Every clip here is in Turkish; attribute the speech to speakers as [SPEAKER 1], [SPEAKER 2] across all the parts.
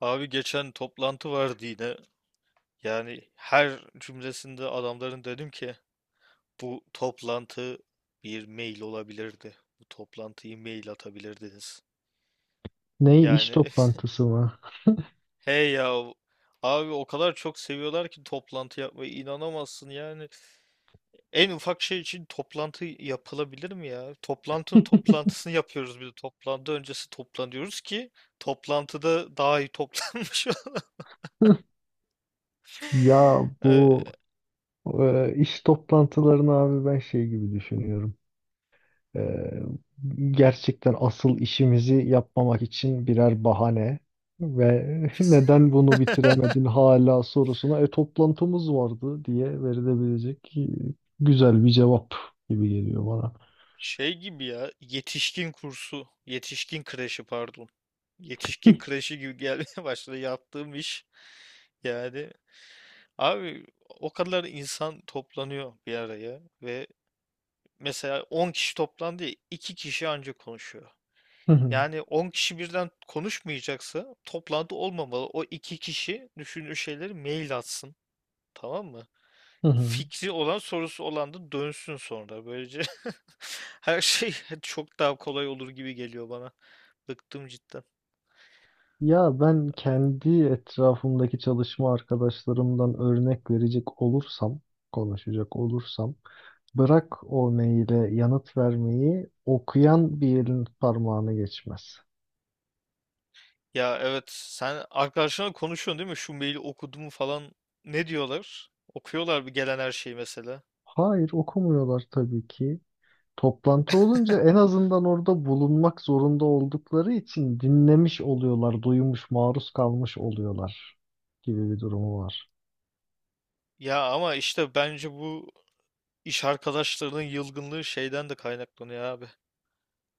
[SPEAKER 1] Abi geçen toplantı vardı yine. Yani her cümlesinde adamların dedim ki bu toplantı bir mail olabilirdi. Bu toplantıyı mail atabilirdiniz.
[SPEAKER 2] Ne iş
[SPEAKER 1] Yani
[SPEAKER 2] toplantısı mı?
[SPEAKER 1] hey ya abi o kadar çok seviyorlar ki toplantı yapmayı inanamazsın yani. En ufak şey için toplantı yapılabilir mi ya? Toplantının toplantısını yapıyoruz bir de toplantı öncesi toplanıyoruz ki toplantıda daha iyi toplanmış.
[SPEAKER 2] Ya
[SPEAKER 1] Ee,
[SPEAKER 2] bu iş toplantılarını abi ben şey gibi düşünüyorum. E, Gerçekten asıl işimizi yapmamak için birer bahane ve neden bunu bitiremedin hala sorusuna toplantımız vardı diye verilebilecek güzel bir cevap gibi geliyor bana.
[SPEAKER 1] Şey gibi ya yetişkin kursu, yetişkin kreşi pardon. Yetişkin kreşi gibi gelmeye başladı yaptığım iş. Yani abi o kadar insan toplanıyor bir araya ve mesela 10 kişi toplandı ya 2 kişi ancak konuşuyor.
[SPEAKER 2] Hı hı,
[SPEAKER 1] Yani 10 kişi birden konuşmayacaksa toplantı olmamalı. O 2 kişi düşündüğü şeyleri mail atsın. Tamam mı?
[SPEAKER 2] hı hı.
[SPEAKER 1] Fikri olan, sorusu olan da dönsün sonra. Böylece her şey çok daha kolay olur gibi geliyor bana. Bıktım cidden.
[SPEAKER 2] Ya ben kendi etrafımdaki çalışma arkadaşlarımdan örnek verecek olursam, konuşacak olursam bırak o maile yanıt vermeyi, okuyan bir elin parmağına geçmez.
[SPEAKER 1] Ya evet, sen arkadaşlarla konuşuyorsun değil mi? Şu maili okudum falan. Ne diyorlar? Okuyorlar bir gelen her şeyi mesela.
[SPEAKER 2] Hayır, okumuyorlar tabii ki. Toplantı olunca en azından orada bulunmak zorunda oldukları için dinlemiş oluyorlar, duymuş, maruz kalmış oluyorlar gibi bir durumu var.
[SPEAKER 1] Ya ama işte bence bu iş arkadaşlarının yılgınlığı şeyden de kaynaklanıyor abi.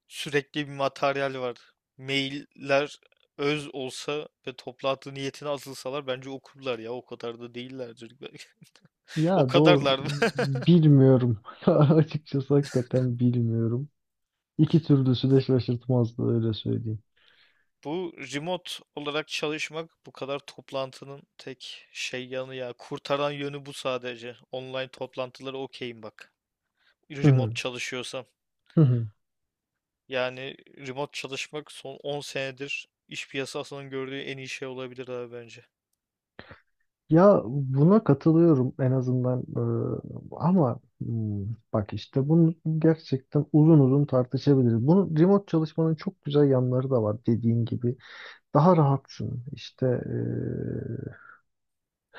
[SPEAKER 1] Sürekli bir materyal var. Mailler öz olsa ve toplantı niyetine atılsalar bence okurlar ya. O kadar da değillerdir. O
[SPEAKER 2] Ya doğru,
[SPEAKER 1] kadarlar.
[SPEAKER 2] bilmiyorum. Açıkçası hakikaten bilmiyorum. İki türlüsü de şaşırtmazdı öyle söyleyeyim.
[SPEAKER 1] Bu remote olarak çalışmak bu kadar toplantının tek şey yanı ya. Kurtaran yönü bu sadece. Online toplantıları okeyim bak.
[SPEAKER 2] Hı
[SPEAKER 1] Remote
[SPEAKER 2] hı.
[SPEAKER 1] çalışıyorsam.
[SPEAKER 2] Hı hı.
[SPEAKER 1] Yani remote çalışmak son 10 senedir iş piyasasının gördüğü en iyi şey olabilir abi bence.
[SPEAKER 2] Ya buna katılıyorum en azından. Ee, ama hmm, bak işte bunu gerçekten uzun uzun tartışabiliriz. Bunun remote çalışmanın çok güzel yanları da var dediğin gibi. Daha rahatsın işte,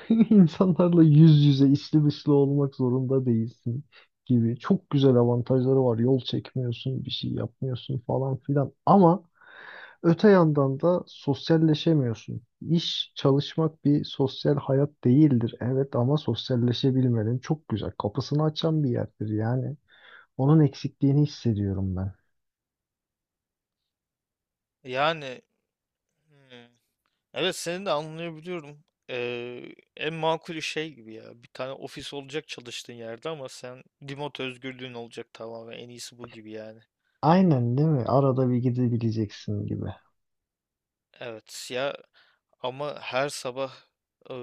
[SPEAKER 2] insanlarla yüz yüze içli dışlı olmak zorunda değilsin gibi. Çok güzel avantajları var, yol çekmiyorsun, bir şey yapmıyorsun falan filan ama öte yandan da sosyalleşemiyorsun. İş, çalışmak bir sosyal hayat değildir. Evet ama sosyalleşebilmenin çok güzel kapısını açan bir yerdir yani. Onun eksikliğini hissediyorum ben.
[SPEAKER 1] Yani hmm, evet seni de anlayabiliyorum. Ee, en makul şey gibi ya. Bir tane ofis olacak çalıştığın yerde ama sen remote özgürlüğün olacak tamamen. En iyisi bu gibi yani.
[SPEAKER 2] Aynen değil mi? Arada bir gidebileceksin gibi.
[SPEAKER 1] Evet ya ama her sabah e,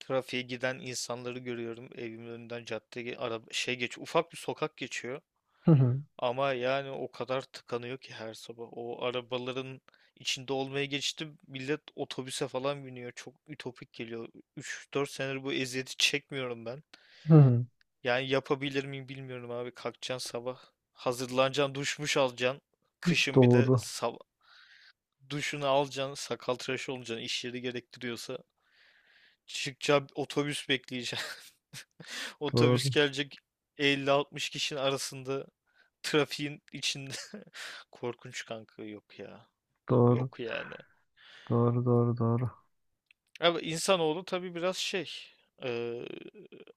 [SPEAKER 1] trafiğe giden insanları görüyorum. Evimin önünden caddeye araba şey geç ufak bir sokak geçiyor.
[SPEAKER 2] Hı hı,
[SPEAKER 1] Ama yani o kadar tıkanıyor ki her sabah. O arabaların içinde olmaya geçti. Millet otobüse falan biniyor. Çok ütopik geliyor. 3-4 senedir bu eziyeti çekmiyorum ben.
[SPEAKER 2] hı hı.
[SPEAKER 1] Yani yapabilir miyim bilmiyorum abi. Kalkacaksın sabah. Hazırlanacaksın, duşmuş alacaksın. Kışın bir de
[SPEAKER 2] Doğru,
[SPEAKER 1] duşunu alacaksın, sakal tıraşı olacaksın, iş yeri gerektiriyorsa. Çıkacaksın, otobüs bekleyeceksin. Otobüs
[SPEAKER 2] doğru,
[SPEAKER 1] gelecek 50-60 kişinin arasında trafiğin içinde. Korkunç kanka yok ya.
[SPEAKER 2] doğru,
[SPEAKER 1] Yok yani.
[SPEAKER 2] doğru, doğru, doğru.
[SPEAKER 1] Ama insanoğlu tabii biraz şey. eee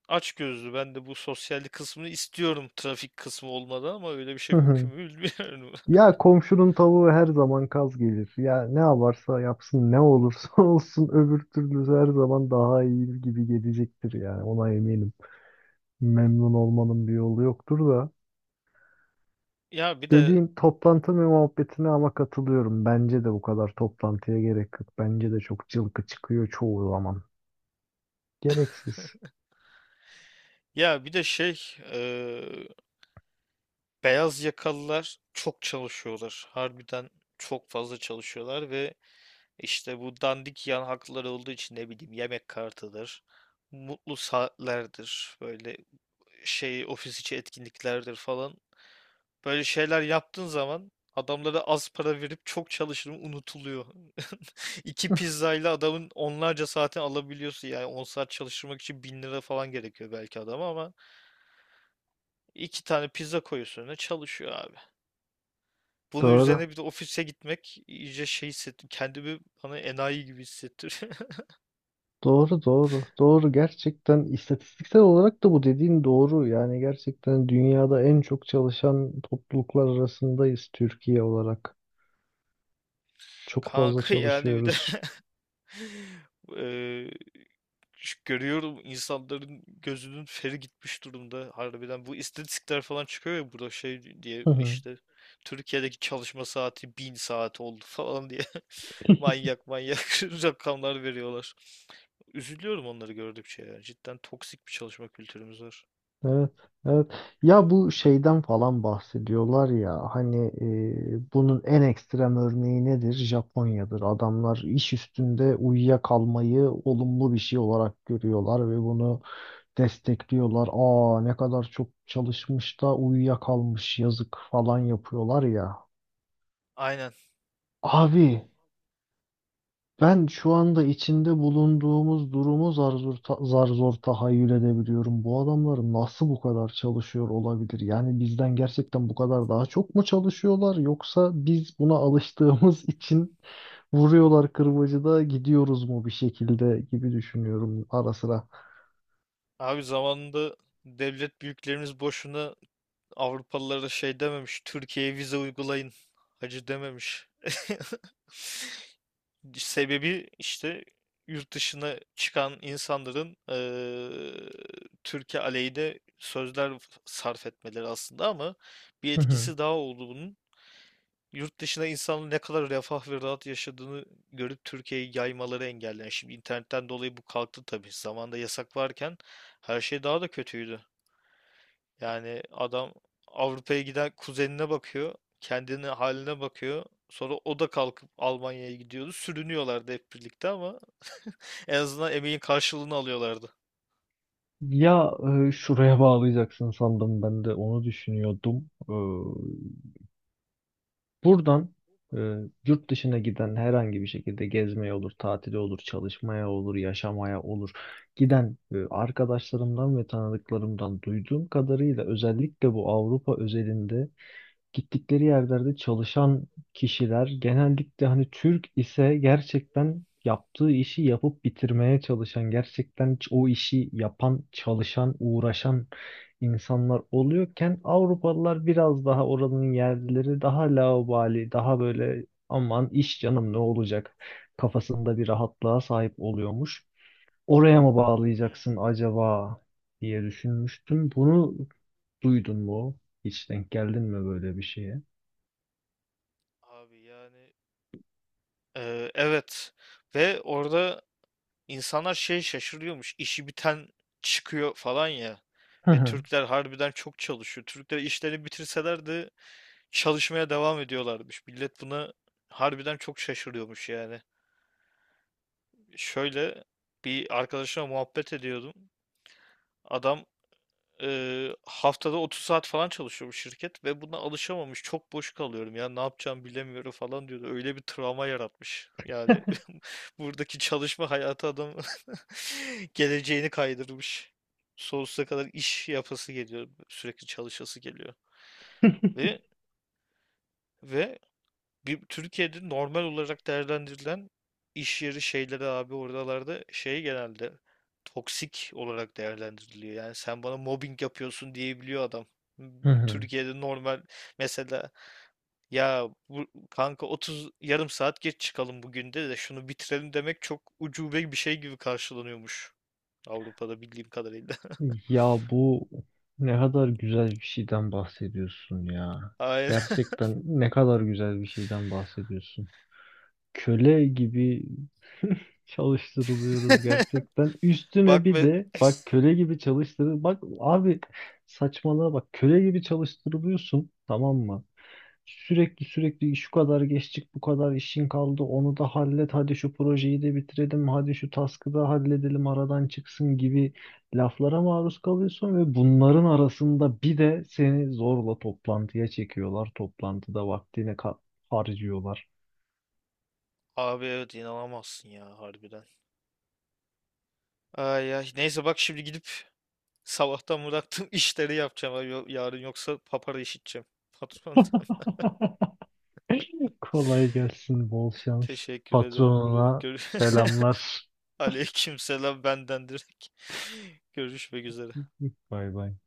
[SPEAKER 1] açgözlü. Ben de bu sosyallik kısmını istiyorum trafik kısmı olmadan ama öyle bir
[SPEAKER 2] Hı
[SPEAKER 1] şey
[SPEAKER 2] hı.
[SPEAKER 1] mümkün mü bilmiyorum.
[SPEAKER 2] Ya komşunun tavuğu her zaman kaz gelir. Ya ne yaparsa yapsın, ne olursa olsun öbür türlü her zaman daha iyi gibi gelecektir yani, ona eminim. Memnun olmanın bir yolu yoktur da.
[SPEAKER 1] Ya bir de
[SPEAKER 2] Dediğin toplantı ve muhabbetine ama katılıyorum. Bence de bu kadar toplantıya gerek yok. Bence de çok cılkı çıkıyor çoğu zaman. Gereksiz.
[SPEAKER 1] ya bir de şey eee, beyaz yakalılar çok çalışıyorlar. Harbiden çok fazla çalışıyorlar ve işte bu dandik yan hakları olduğu için ne bileyim yemek kartıdır, mutlu saatlerdir, böyle şey ofis içi etkinliklerdir falan. Böyle şeyler yaptığın zaman adamlara az para verip çok çalışırım unutuluyor. İki pizzayla adamın onlarca saatini alabiliyorsun yani 10 saat çalıştırmak için 1.000 lira falan gerekiyor belki adama ama iki tane pizza koyuyorsun önüne çalışıyor abi. Bunun
[SPEAKER 2] Doğru.
[SPEAKER 1] üzerine bir de ofise gitmek iyice şey hissettim. Kendimi bana enayi gibi hissettiriyor.
[SPEAKER 2] Doğru doğru. Doğru, gerçekten istatistiksel olarak da bu dediğin doğru. Yani gerçekten dünyada en çok çalışan topluluklar arasındayız, Türkiye olarak. Çok fazla
[SPEAKER 1] Kanka yani bir de
[SPEAKER 2] çalışıyoruz.
[SPEAKER 1] eee, görüyorum insanların gözünün feri gitmiş durumda. Harbiden bu istatistikler falan çıkıyor ya burada şey diye işte Türkiye'deki çalışma saati 1.000 saat oldu falan diye manyak manyak rakamlar veriyorlar. Üzülüyorum onları gördükçe ya. Cidden toksik bir çalışma kültürümüz var.
[SPEAKER 2] Evet, evet. Ya bu şeyden falan bahsediyorlar ya hani, bunun en ekstrem örneği nedir? Japonya'dır. Adamlar iş üstünde uyuyakalmayı olumlu bir şey olarak görüyorlar ve bunu destekliyorlar. Aa ne kadar çok çalışmış da uyuyakalmış yazık falan yapıyorlar ya.
[SPEAKER 1] Aynen.
[SPEAKER 2] Abi ben şu anda içinde bulunduğumuz durumu zar zor, zar zor tahayyül edebiliyorum. Bu adamlar nasıl bu kadar çalışıyor olabilir? Yani bizden gerçekten bu kadar daha çok mu çalışıyorlar? Yoksa biz buna alıştığımız için vuruyorlar kırbacı gidiyoruz mu bir şekilde gibi düşünüyorum ara sıra.
[SPEAKER 1] Abi zamanında devlet büyüklerimiz boşuna Avrupalılara şey dememiş. Türkiye'ye vize uygulayın. Hacı dememiş. Sebebi işte yurt dışına çıkan insanların Türkiye aleyhine sözler sarf etmeleri aslında ama bir
[SPEAKER 2] Hı hı.
[SPEAKER 1] etkisi daha oldu bunun. Yurt dışına insanın ne kadar refah ve rahat yaşadığını görüp Türkiye'yi yaymaları engelleyen. Şimdi internetten dolayı bu kalktı tabii. Zamanında yasak varken her şey daha da kötüydü. Yani adam Avrupa'ya giden kuzenine bakıyor. Kendine haline bakıyor. Sonra o da kalkıp Almanya'ya gidiyordu. Sürünüyorlardı hep birlikte ama en azından emeğin karşılığını alıyorlardı.
[SPEAKER 2] Ya, şuraya bağlayacaksın sandım, ben de onu düşünüyordum. Buradan e, yurt dışına giden herhangi bir şekilde, gezmeye olur, tatile olur, çalışmaya olur, yaşamaya olur. Giden arkadaşlarımdan ve tanıdıklarımdan duyduğum kadarıyla, özellikle bu Avrupa özelinde, gittikleri yerlerde çalışan kişiler genellikle hani Türk ise gerçekten yaptığı işi yapıp bitirmeye çalışan, gerçekten o işi yapan, çalışan, uğraşan insanlar oluyorken, Avrupalılar biraz daha, oranın yerlileri daha laubali, daha böyle aman iş canım ne olacak kafasında bir rahatlığa sahip oluyormuş. Oraya mı
[SPEAKER 1] Hmm,
[SPEAKER 2] bağlayacaksın acaba diye düşünmüştüm. Bunu duydun mu? Hiç denk geldin mi böyle bir şeye?
[SPEAKER 1] abi yani evet ve orada insanlar şey şaşırıyormuş işi biten çıkıyor falan ya
[SPEAKER 2] Hı
[SPEAKER 1] ve
[SPEAKER 2] hı.
[SPEAKER 1] Türkler harbiden çok çalışıyor. Türkler işlerini bitirseler de çalışmaya devam ediyorlarmış. Millet buna harbiden çok şaşırıyormuş yani. Şöyle bir arkadaşımla muhabbet ediyordum. Adam haftada 30 saat falan çalışıyor bu şirket ve buna alışamamış. Çok boş kalıyorum ya ne yapacağımı bilemiyorum falan diyordu. Öyle bir travma yaratmış. Yani buradaki çalışma hayatı adam geleceğini kaydırmış. Sonsuza kadar iş yapası geliyor. Sürekli çalışası geliyor. Ve ve bir, Türkiye'de normal olarak değerlendirilen iş yeri şeyleri abi oralarda şey genelde toksik olarak değerlendiriliyor. Yani sen bana mobbing yapıyorsun diyebiliyor adam.
[SPEAKER 2] Hı hı.
[SPEAKER 1] Türkiye'de normal mesela ya bu, kanka 30 yarım saat geç çıkalım bugün de şunu bitirelim demek çok ucube bir şey gibi karşılanıyormuş. Avrupa'da bildiğim kadarıyla.
[SPEAKER 2] Ya bu ne kadar güzel bir şeyden bahsediyorsun ya.
[SPEAKER 1] Aynen.
[SPEAKER 2] Gerçekten ne kadar güzel bir şeyden bahsediyorsun. Köle gibi çalıştırılıyoruz gerçekten. Üstüne
[SPEAKER 1] Bak
[SPEAKER 2] bir
[SPEAKER 1] ve
[SPEAKER 2] de bak, köle gibi çalıştırıl. Bak abi saçmalığa bak, köle gibi çalıştırılıyorsun, tamam mı? Sürekli sürekli şu kadar geçtik, bu kadar işin kaldı, onu da hallet, hadi şu projeyi de bitirelim, hadi şu task'ı da halledelim aradan çıksın gibi laflara maruz kalıyorsun ve bunların arasında bir de seni zorla toplantıya çekiyorlar, toplantıda vaktini harcıyorlar.
[SPEAKER 1] abi evet inanamazsın ya harbiden. Ay ay neyse bak şimdi gidip sabahtan bıraktım işleri yapacağım abi. Yarın yoksa papara işiteceğim patrondan.
[SPEAKER 2] Kolay gelsin, bol şans.
[SPEAKER 1] Teşekkür ederim bro.
[SPEAKER 2] Patronuna selamlar.
[SPEAKER 1] Aleykümselam benden direkt. Görüşmek üzere.
[SPEAKER 2] Bay bay.